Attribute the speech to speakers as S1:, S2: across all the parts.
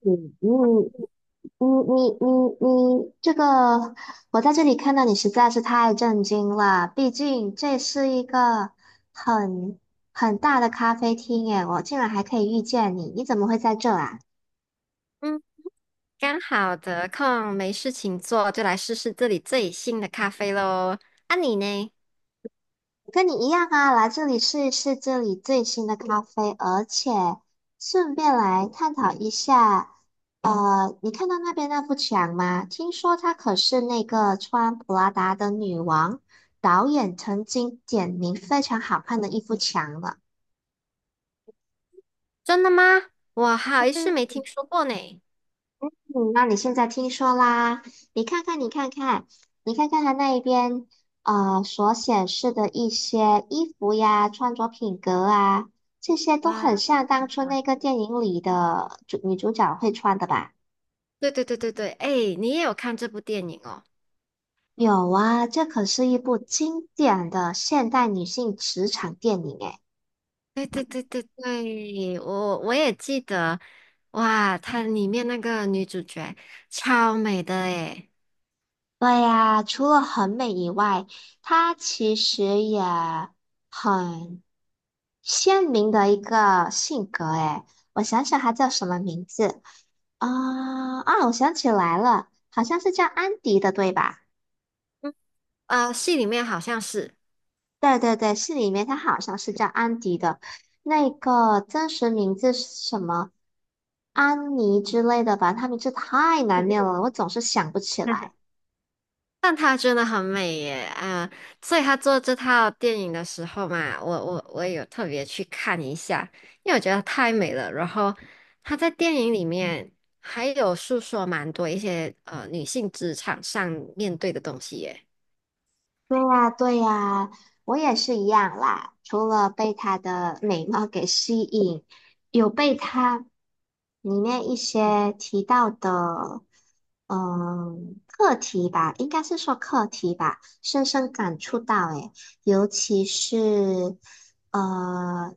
S1: 你你你你你你，这个我在这里看到你实在是太震惊了。毕竟这是一个很很大的咖啡厅，耶，我竟然还可以遇见你，你怎么会在这啊？
S2: 嗯，刚好得空没事情做，就来试试这里最新的咖啡喽。啊，你呢？
S1: 跟你一样啊，来这里试一试这里最新的咖啡，而且顺便来探讨一下，你看到那边那幅墙吗？听说她可是那个穿普拉达的女王，导演曾经点名非常好看的一幅墙了。
S2: 真的吗？我好是没听说过呢。
S1: 嗯，那你现在听说啦？你看看，你看看，你看看他那一边，所显示的一些衣服呀、穿着品格啊，这些都很
S2: 哇，
S1: 像当初那个电影里的主女主角会穿的吧？
S2: 对对对对对，哎，你也有看这部电影哦？
S1: 有啊，这可是一部经典的现代女性职场电影诶。
S2: 对对对对对，我也记得。哇，它里面那个女主角超美的诶。
S1: 对呀，除了很美以外，它其实也很鲜明的一个性格，哎，我想想他叫什么名字啊？啊，我想起来了，好像是叫安迪的，对吧？
S2: 嗯，啊，戏里面好像是。
S1: 对对对，是里面他好像是叫安迪的，那个真实名字是什么？安妮之类的吧，他名字太
S2: 嗯
S1: 难念了，
S2: 嗯。
S1: 我总是想不起来。
S2: 但她真的很美耶，啊、所以她做这套电影的时候嘛，我也有特别去看一下，因为我觉得太美了。然后她在电影里面还有诉说蛮多一些女性职场上面对的东西耶。
S1: 对呀，对呀，我也是一样啦。除了被她的美貌给吸引，有被她里面一些提到的，嗯，课题吧，应该是说课题吧，深深感触到。诶，尤其是呃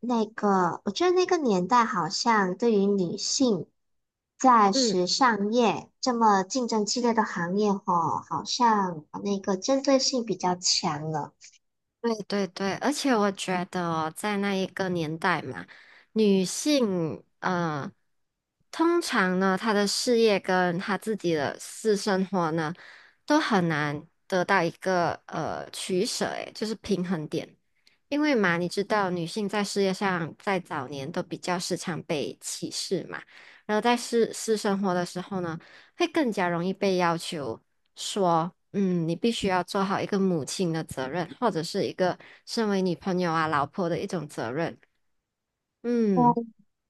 S1: 我觉得那个年代好像对于女性在
S2: 嗯。
S1: 时尚业这么竞争激烈的行业，吼，好像那个针对性比较强了。
S2: 对对对，而且我觉得哦在那一个年代嘛，女性，通常呢，她的事业跟她自己的私生活呢，都很难得到一个取舍，诶，就是平衡点。因为嘛，你知道女性在事业上在早年都比较时常被歧视嘛，然后在私生活的时候呢，会更加容易被要求。说，你必须要做好一个母亲的责任，或者是一个身为女朋友啊、老婆的一种责任。嗯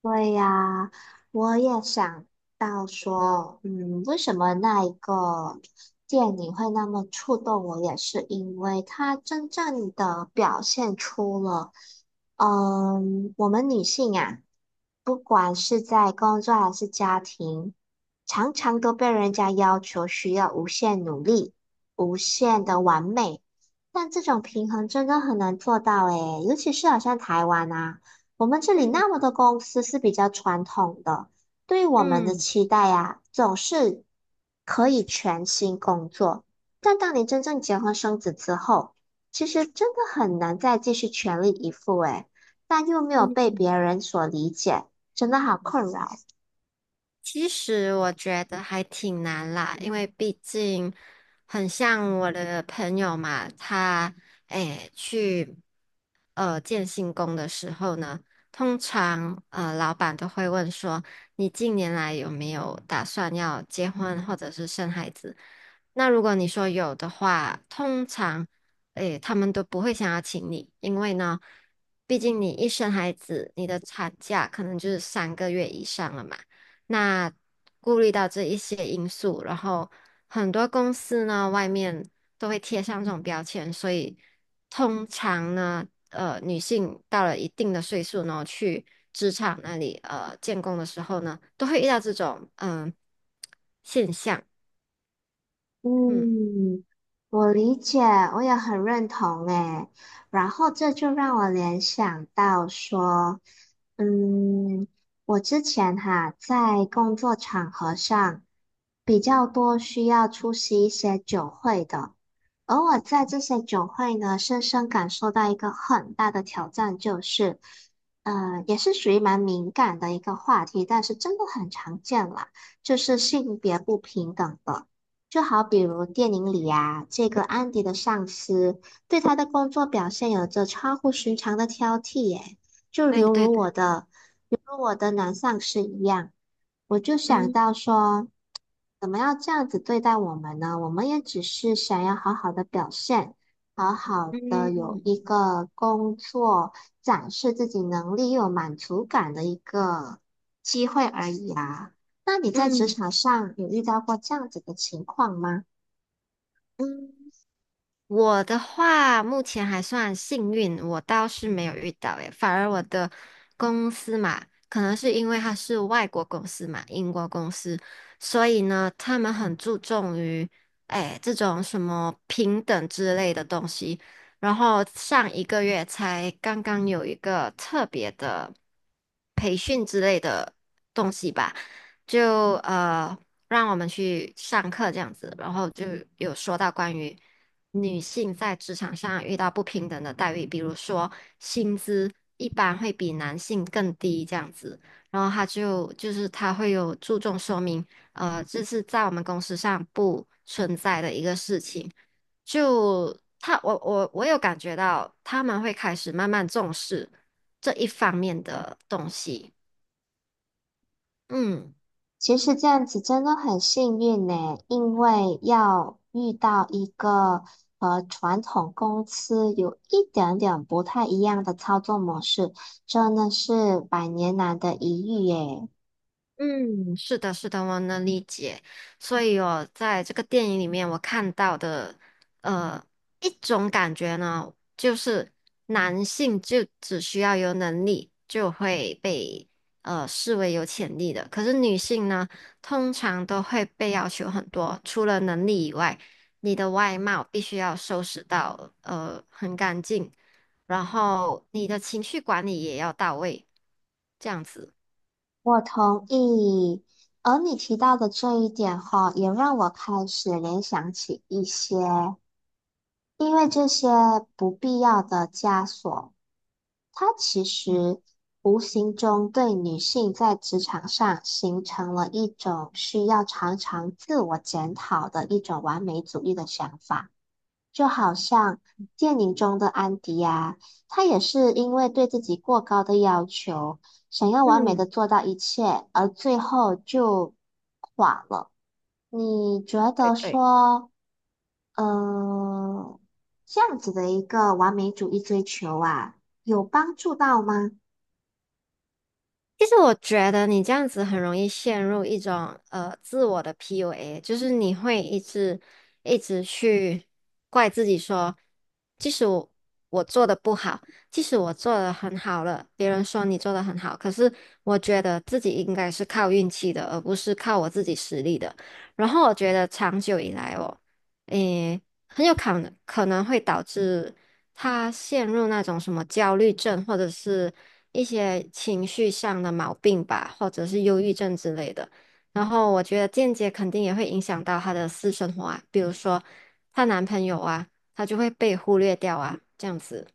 S1: 对呀，我也想到说，嗯，为什么那一个电影会那么触动我，也是因为它真正的表现出了，嗯，我们女性啊，不管是在工作还是家庭，常常都被人家要求需要无限努力、无限的完美，但这种平衡真的很难做到诶，尤其是好像台湾啊。我们这里
S2: 嗯
S1: 那么多公司是比较传统的，对于我们的
S2: 嗯
S1: 期待呀，总是可以全心工作。但当你真正结婚生子之后，其实真的很难再继续全力以赴诶，但又没有被别
S2: 嗯。
S1: 人所理解，真的好困扰。
S2: 其实我觉得还挺难啦，因为毕竟很像我的朋友嘛，他去建信工的时候呢，通常老板都会问说，你近年来有没有打算要结婚或者是生孩子？那如果你说有的话，通常他们都不会想要请你，因为呢，毕竟你一生孩子，你的产假可能就是三个月以上了嘛。那顾虑到这一些因素，然后很多公司呢，外面都会贴上这种标签，所以通常呢，女性到了一定的岁数呢，去职场那里建工的时候呢，都会遇到这种现象。嗯，
S1: 嗯，我理解，我也很认同诶。然后这就让我联想到说，嗯，我之前哈在工作场合上比较多需要出席一些酒会的，而我在这些酒会呢，深深感受到一个很大的挑战，就是，也是属于蛮敏感的一个话题，但是真的很常见啦，就是性别不平等的。就好比如电影里呀、这个安迪的上司对他的工作表现有着超乎寻常的挑剔耶，就
S2: 对
S1: 犹
S2: 对
S1: 如我
S2: 对，
S1: 的，犹如我的男上司一样，我就想
S2: 嗯
S1: 到说。怎么要这样子对待我们呢？我们也只是想要好好的表现，好好的有
S2: 嗯
S1: 一个工作，展示自己能力又有满足感的一个机会而已啊。那你在职
S2: 嗯
S1: 场上有遇到过这样子的情况吗？
S2: 嗯。我的话，目前还算幸运，我倒是没有遇到诶，反而我的公司嘛，可能是因为它是外国公司嘛，英国公司，所以呢，他们很注重于这种什么平等之类的东西。然后上一个月才刚刚有一个特别的培训之类的东西吧，就让我们去上课这样子，然后就有说到关于。女性在职场上遇到不平等的待遇，比如说薪资一般会比男性更低这样子，然后他就是他会有注重说明，这是在我们公司上不存在的一个事情。就他，我有感觉到他们会开始慢慢重视这一方面的东西，嗯。
S1: 其实这样子真的很幸运呢，因为要遇到一个和传统公司有一点点不太一样的操作模式，真的是百年难得一遇耶。
S2: 嗯，是的，是的，我能理解。所以我在这个电影里面，我看到的，呃，一种感觉呢，就是男性就只需要有能力就会被视为有潜力的，可是女性呢，通常都会被要求很多，除了能力以外，你的外貌必须要收拾到很干净，然后你的情绪管理也要到位，这样子。
S1: 我同意，而你提到的这一点哈，也让我开始联想起一些，因为这些不必要的枷锁。它其实无形中对女性在职场上形成了一种需要常常自我检讨的一种完美主义的想法，就好像电影中的安迪啊，她也是因为对自己过高的要求，想要完美的
S2: 嗯，
S1: 做到一切，而最后就垮了。你觉
S2: 对
S1: 得
S2: 对。
S1: 说，嗯、这样子的一个完美主义追求啊，有帮助到吗？
S2: 其实我觉得你这样子很容易陷入一种自我的 PUA，就是你会一直一直去怪自己说，即使我做的不好，即使我做的很好了，别人说你做的很好，可是我觉得自己应该是靠运气的，而不是靠我自己实力的。然后我觉得长久以来哦，诶。很有可能会导致他陷入那种什么焦虑症，或者是一些情绪上的毛病吧，或者是忧郁症之类的。然后我觉得间接肯定也会影响到她的私生活啊，比如说她男朋友啊，她就会被忽略掉啊，这样子。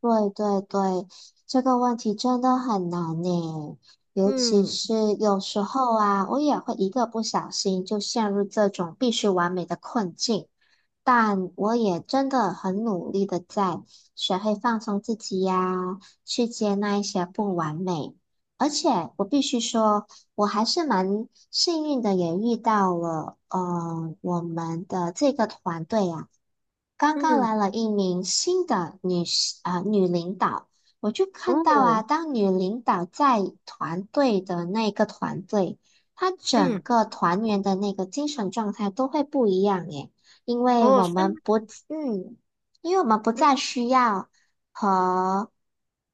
S1: 对对对，这个问题真的很难呢，尤其
S2: 嗯
S1: 是有时候啊，我也会一个不小心就陷入这种必须完美的困境，但我也真的很努力的在学会放松自己呀，去接纳一些不完美，而且我必须说，我还是蛮幸运的，也遇到了我们的这个团队呀。刚刚来
S2: 嗯
S1: 了一名新的女士啊、女领导，我就看到啊，
S2: 哦，
S1: 当女领导在团队的那个团队，她整
S2: 嗯，
S1: 个团员的那个精神状态都会不一样耶，因为
S2: 哦，
S1: 我
S2: 是吗？
S1: 们不，嗯，因为我们不
S2: 嗯
S1: 再需要和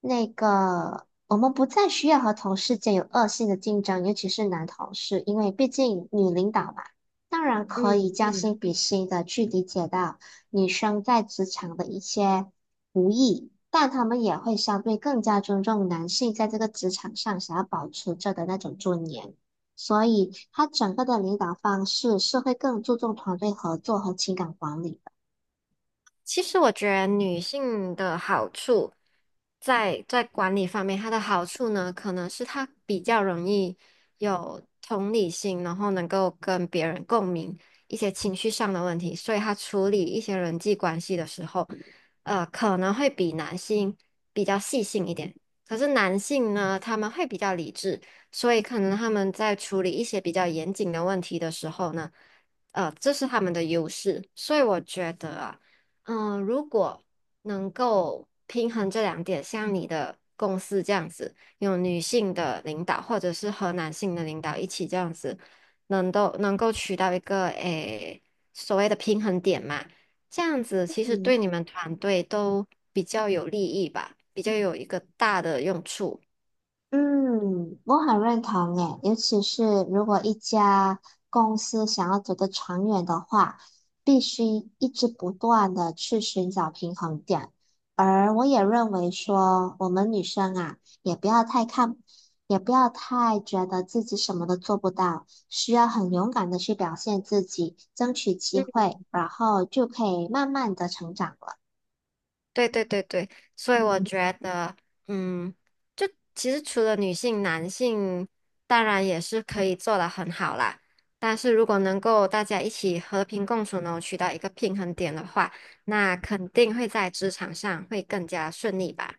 S1: 那个，我们不再需要和同事间有恶性的竞争，尤其是男同事，因为毕竟女领导嘛，当然可
S2: 嗯
S1: 以将
S2: 嗯。
S1: 心比心的去理解到。女生在职场的一些不易，但他们也会相对更加尊重男性在这个职场上想要保持着的那种尊严。所以，他整个的领导方式是会更注重团队合作和情感管理的。
S2: 其实我觉得女性的好处在管理方面，它的好处呢，可能是她比较容易有同理心，然后能够跟别人共鸣一些情绪上的问题，所以她处理一些人际关系的时候，可能会比男性比较细心一点。可是男性呢，他们会比较理智，所以可能他们在处理一些比较严谨的问题的时候呢，这是他们的优势，所以我觉得啊。嗯，如果能够平衡这两点，像你的公司这样子，有女性的领导或者是和男性的领导一起这样子，能够取到一个所谓的平衡点嘛，这样子其实
S1: 嗯，
S2: 对你们团队都比较有利益吧，比较有一个大的用处。
S1: 嗯，我很认同诶，尤其是如果一家公司想要走得长远的话，必须一直不断的去寻找平衡点。而我也认为说，我们女生啊，也不要太看，也不要太觉得自己什么都做不到，需要很勇敢的去表现自己，争取机会，然后就可以慢慢的成长了。
S2: 对对对对，所以我觉得，嗯，就其实除了女性，男性当然也是可以做得很好啦。但是如果能够大家一起和平共处呢，取到一个平衡点的话，那肯定会在职场上会更加顺利吧。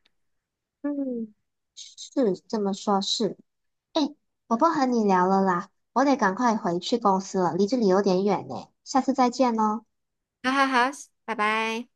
S1: 嗯，是这么说，是。哎，我不和你聊了啦，我得赶快回去公司了，离这里有点远呢，下次再见喽。
S2: 好好好，拜拜。